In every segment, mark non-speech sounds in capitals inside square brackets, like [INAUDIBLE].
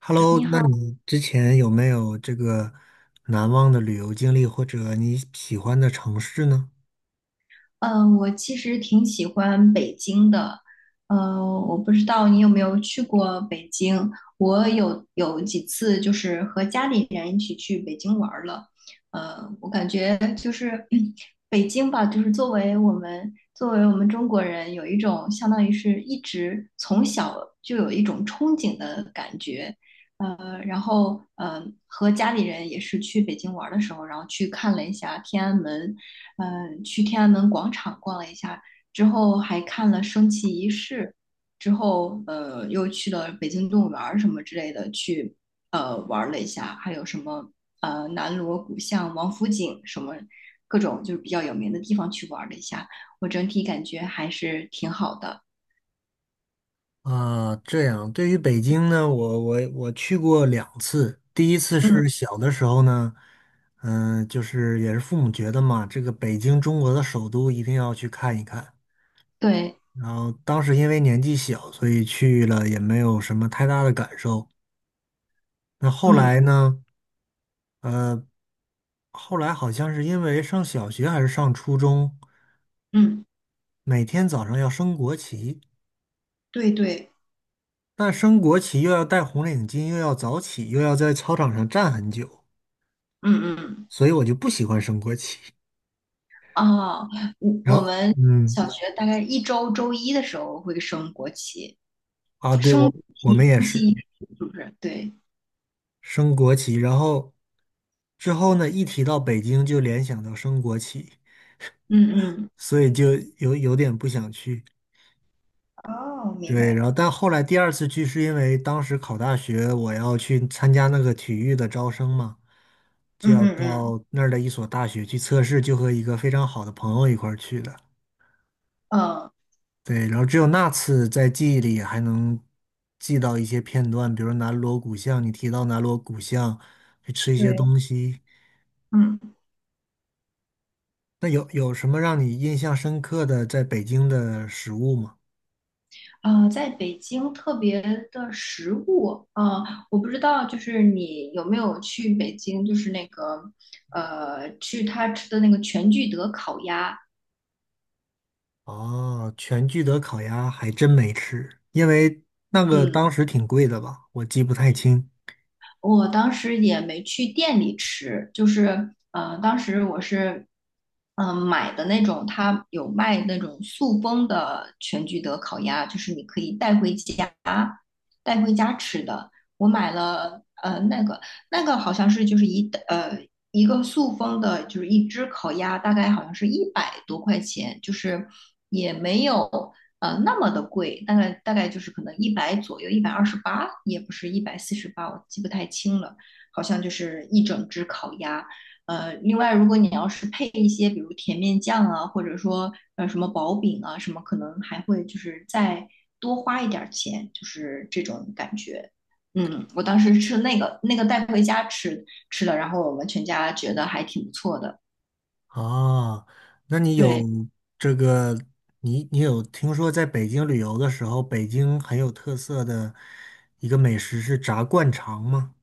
Hello，你那好，你之前有没有这个难忘的旅游经历，或者你喜欢的城市呢？嗯、我其实挺喜欢北京的，我不知道你有没有去过北京，我有几次就是和家里人一起去北京玩儿了，我感觉就是 [CLEARS THROAT] 北京吧，就是作为我们中国人，有一种相当于是一直从小就有一种憧憬的感觉，然后和家里人也是去北京玩儿的时候，然后去看了一下天安门。去天安门广场逛了一下，之后还看了升旗仪式，之后又去了北京动物园儿什么之类的去玩了一下，还有什么南锣鼓巷、王府井什么各种就是比较有名的地方去玩了一下，我整体感觉还是挺好的。啊，这样，对于北京呢，我去过两次，第一次嗯，是小的时候呢，嗯，就是也是父母觉得嘛，这个北京中国的首都一定要去看一看。对，然后当时因为年纪小，所以去了也没有什么太大的感受。那后嗯来呢，呃，后来好像是因为上小学还是上初中。嗯，每天早上要升国旗，对对，那升国旗又要戴红领巾，又要早起，又要在操场上站很久，嗯嗯。所以我就不喜欢升国旗。哦，我然我后，们嗯，小学大概一周周一的时候会升国旗，啊，对，生我们体也记是忆是不是？对，升国旗，然后之后呢，一提到北京就联想到升国旗，嗯嗯，所以就有点不想去。哦，明对，白然后了，但后来第二次去是因为当时考大学，我要去参加那个体育的招生嘛，就嗯要嗯嗯，到那儿的一所大学去测试，就和一个非常好的朋友一块儿去的。呃对，然后只有那次在记忆里还能记到一些片段，比如南锣鼓巷，你提到南锣鼓巷去吃一些对，东西，嗯，那有什么让你印象深刻的在北京的食物吗？在北京特别的食物，我不知道，就是你有没有去北京，就是那个去他吃的那个全聚德烤鸭，哦，全聚德烤鸭还真没吃，因为那个嗯。当时挺贵的吧，我记不太清。我当时也没去店里吃，就是当时我是买的那种，他有卖那种塑封的全聚德烤鸭，就是你可以带回家吃的。我买了那个好像是就是一个塑封的，就是一只烤鸭，大概好像是100多块钱，就是也没有。那么的贵，大概就是可能100左右，128，也不是148，我记不太清了，好像就是一整只烤鸭。另外如果你要是配一些比如甜面酱啊，或者说什么薄饼啊什么，可能还会就是再多花一点儿钱，就是这种感觉。我当时吃那个带回家吃了，然后我们全家觉得还挺不错的。啊。那对，这个，你有听说在北京旅游的时候，北京很有特色的一个美食是炸灌肠吗？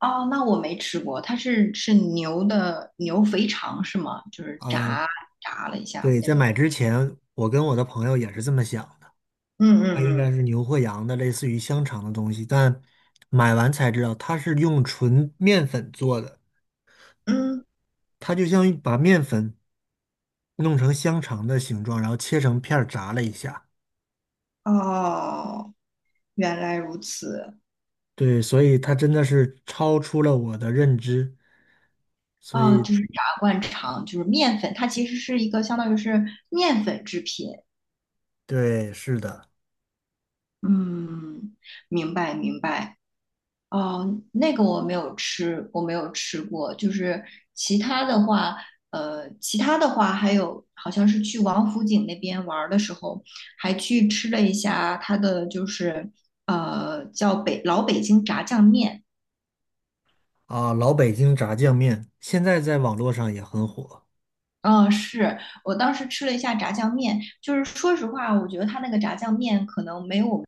哦，那我没吃过，它是牛肥肠是吗？就是呃，炸了一下对，那在种买感之觉。前，我跟我的朋友也是这么想的，嗯它应该嗯是牛或羊的，类似于香肠的东西，但买完才知道它是用纯面粉做的，嗯它就像一把面粉。弄成香肠的形状，然后切成片儿炸了一下。嗯，哦，原来如此。对，所以它真的是超出了我的认知。所哦，以，就是炸灌肠，就是面粉，它其实是一个相当于是面粉制品。对，是的，嗯，明白明白。哦，那个我没有吃，我没有吃过。就是其他的话，其他的话还有，好像是去王府井那边玩儿的时候，还去吃了一下它的，就是叫老北京炸酱面。啊，老北京炸酱面现在在网络上也很火。嗯，是。我当时吃了一下炸酱面，就是说实话，我觉得他那个炸酱面可能没有我们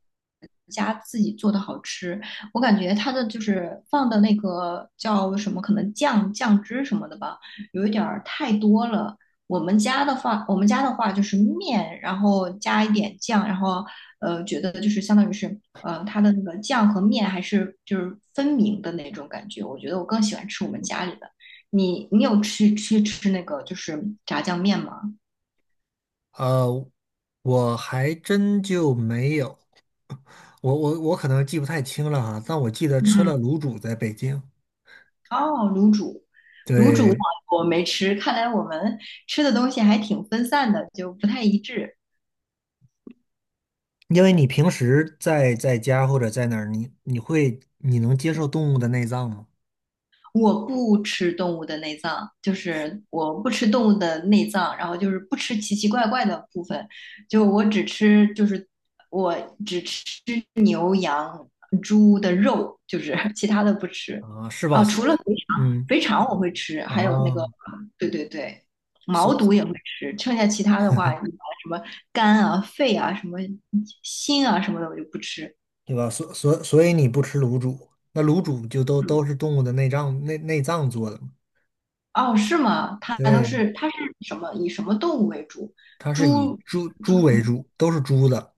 家自己做的好吃。我感觉他的就是放的那个叫什么，可能酱汁什么的吧，有一点儿太多了。我们家的话就是面，然后加一点酱，然后觉得就是相当于是它的那个酱和面还是就是分明的那种感觉。我觉得我更喜欢吃我们家里的。你有去吃那个就是炸酱面吗？呃，我还真就没有，我可能记不太清了哈，但我记得吃了嗯，卤煮在北京。哦，卤煮对，我没吃，看来我们吃的东西还挺分散的，就不太一致。因为你平时在家或者在哪儿，你能接受动物的内脏吗？我不吃动物的内脏，就是我不吃动物的内脏，然后就是不吃奇奇怪怪的部分，就我只吃牛羊猪的肉，就是 [LAUGHS] 其他的不吃啊，是吧？啊，是。除了肥肠，嗯，肥肠我会吃，还有那个啊。对对对，毛肚所也会吃，剩下其他的话，什么肝啊、肺啊、什么心啊什么的我就不吃，对吧？所以你不吃卤煮，那卤煮就都嗯，都是动物的内脏做的嘛？哦，是吗？对，它是什么？以什么动物为主？它是以猪猪猪，猪为主，都是猪的，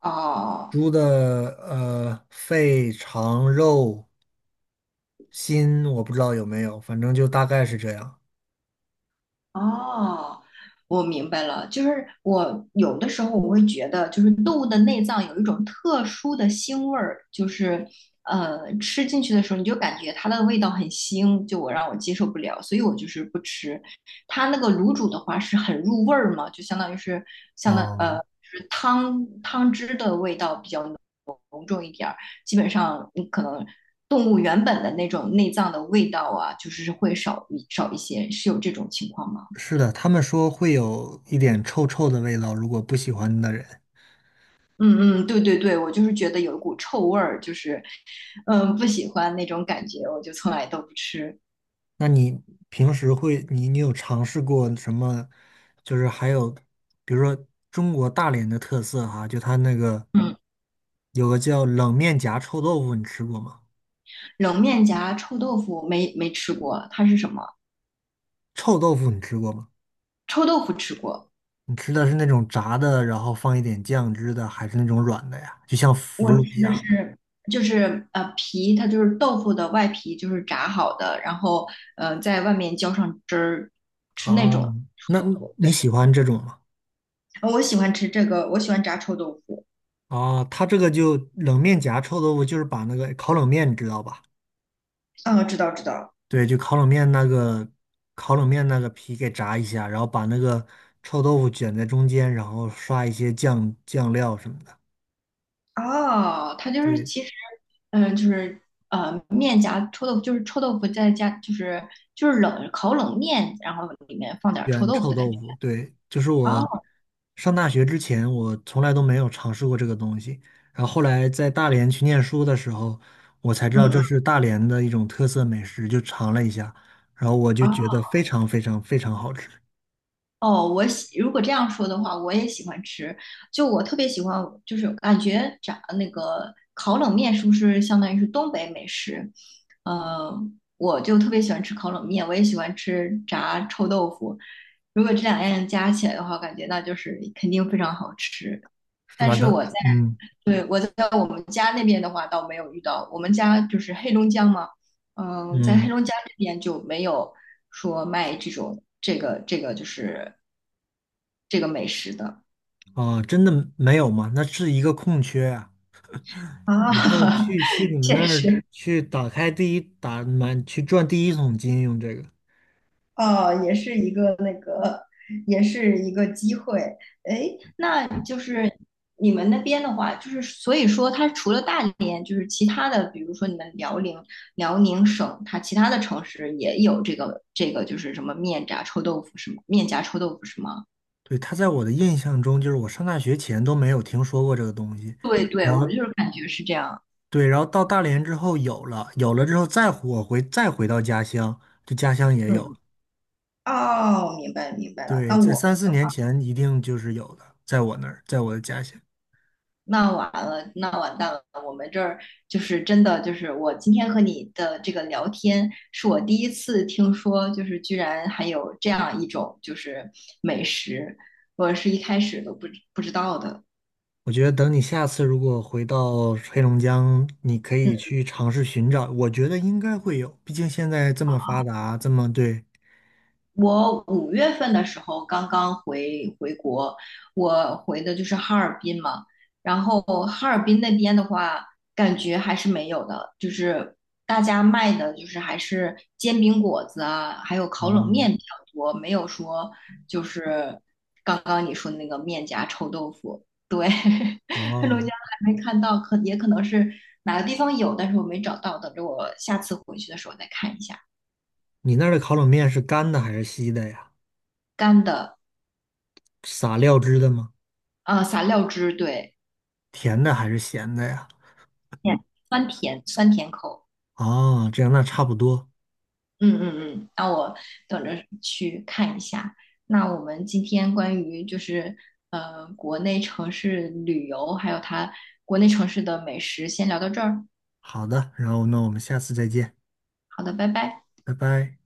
哦猪的肺、肠、肉、心，我不知道有没有，反正就大概是这样。哦，我明白了。就是我有的时候我会觉得，就是动物的内脏有一种特殊的腥味儿，就是吃进去的时候你就感觉它的味道很腥，就我让我接受不了，所以我就是不吃。它那个卤煮的话是很入味儿嘛，就相当于是相当。嗯，就是汤汁的味道比较浓。基本上你可能动物原本的那种内脏的味道啊，就是会少一些，是有这种情况吗？是的，他们说会有一点臭臭的味道，如果不喜欢的人。嗯嗯，对对对，我就是觉得有一股臭味儿，就是不喜欢那种感觉，我就从来都不吃。那你平时会，你有尝试过什么？就是还有，比如说中国大连的特色哈，就它那个嗯，有个叫冷面夹臭豆腐，你吃过吗？冷面夹臭豆腐没吃过，它是什么？臭豆腐你吃过吗？臭豆腐吃过，你吃的是那种炸的，然后放一点酱汁的，还是那种软的呀？就像腐我乳一吃的样的。是就是皮，它就是豆腐的外皮，就是炸好的，然后在外面浇上汁儿，吃那种哦，那臭豆那腐。你喜欢这种吗？哦我喜欢吃这个，我喜欢炸臭豆腐。哦，它这个就冷面夹臭豆腐，就是把那个烤冷面，你知道吧？嗯，知道知道。对，就烤冷面那个皮给炸一下，然后把那个臭豆腐卷在中间，然后刷一些酱料什么的。哦，它就是对，其实，就是面夹臭豆腐，就是臭豆腐再加，就是烤冷面，然后里面放点儿臭卷豆腐臭的感豆觉。腐，对，就是我哦，上大学之前，我从来都没有尝试过这个东西。然后后来在大连去念书的时候，我才知嗯道这是嗯，大连的一种特色美食，就尝了一下，然后我就觉哦得非常非常非常好吃，哦，如果这样说的话，我也喜欢吃。就我特别喜欢，就是感觉炸那个烤冷面是不是相当于是东北美食？呃，我就特别喜欢吃烤冷面，我也喜欢吃炸臭豆腐。如果这两样加起来的话，感觉那就是肯定非常好吃。十但八是那我在，嗯对，我在我们家那边的话倒没有遇到，我们家就是黑龙江嘛，在黑嗯。龙江这边就没有说卖这种这个美食的啊，真的没有吗？那是一个空缺啊。啊，以后 [LAUGHS] 去你们那现儿实。去打开第一打满去赚第一桶金用这个。哦，也是一个机会。哎，那就是你们那边的话，就是所以说，它除了大连，就是其他的，比如说你们辽宁省，它其他的城市也有这个，就是什么面炸臭豆腐是吗？面夹臭豆腐是吗？对，它在我的印象中，就是我上大学前都没有听说过这个东西，对对，然我后就是感觉是这样。对，然后到大连之后有了，有了之后再我回再回到家乡，就家乡也有。嗯，哦，明白明白了。对，那在我。三四年前一定就是有的，在我那儿，在我的家乡。那完蛋了！我们这儿就是真的，就是我今天和你的这个聊天，是我第一次听说，就是居然还有这样一种就是美食，我是一开始都不知道的。我觉得等你下次如果回到黑龙江，你可以去尝试寻找，我觉得应该会有，毕竟现在这么发达，这么对，我5月份的时候刚刚回国，我回的就是哈尔滨嘛。然后哈尔滨那边的话，感觉还是没有的，就是大家卖的就是还是煎饼果子啊，还有烤冷嗯。面比较多，没有说就是刚刚你说的那个面夹臭豆腐。对，[LAUGHS] 黑龙江哦，还没看到，也可能是哪个地方有，但是我没找到，等着我下次回去的时候再看一下。你那儿的烤冷面是干的还是稀的呀？干的，撒料汁的吗？啊，撒料汁，对。甜的还是咸的呀？甜，酸甜酸甜口。哦，这样那差不多。嗯嗯嗯，那我等着去看一下。那我们今天关于就是国内城市旅游，还有它国内城市的美食，先聊到这儿。好的，然后那我们下次再见，好的，拜拜。拜拜。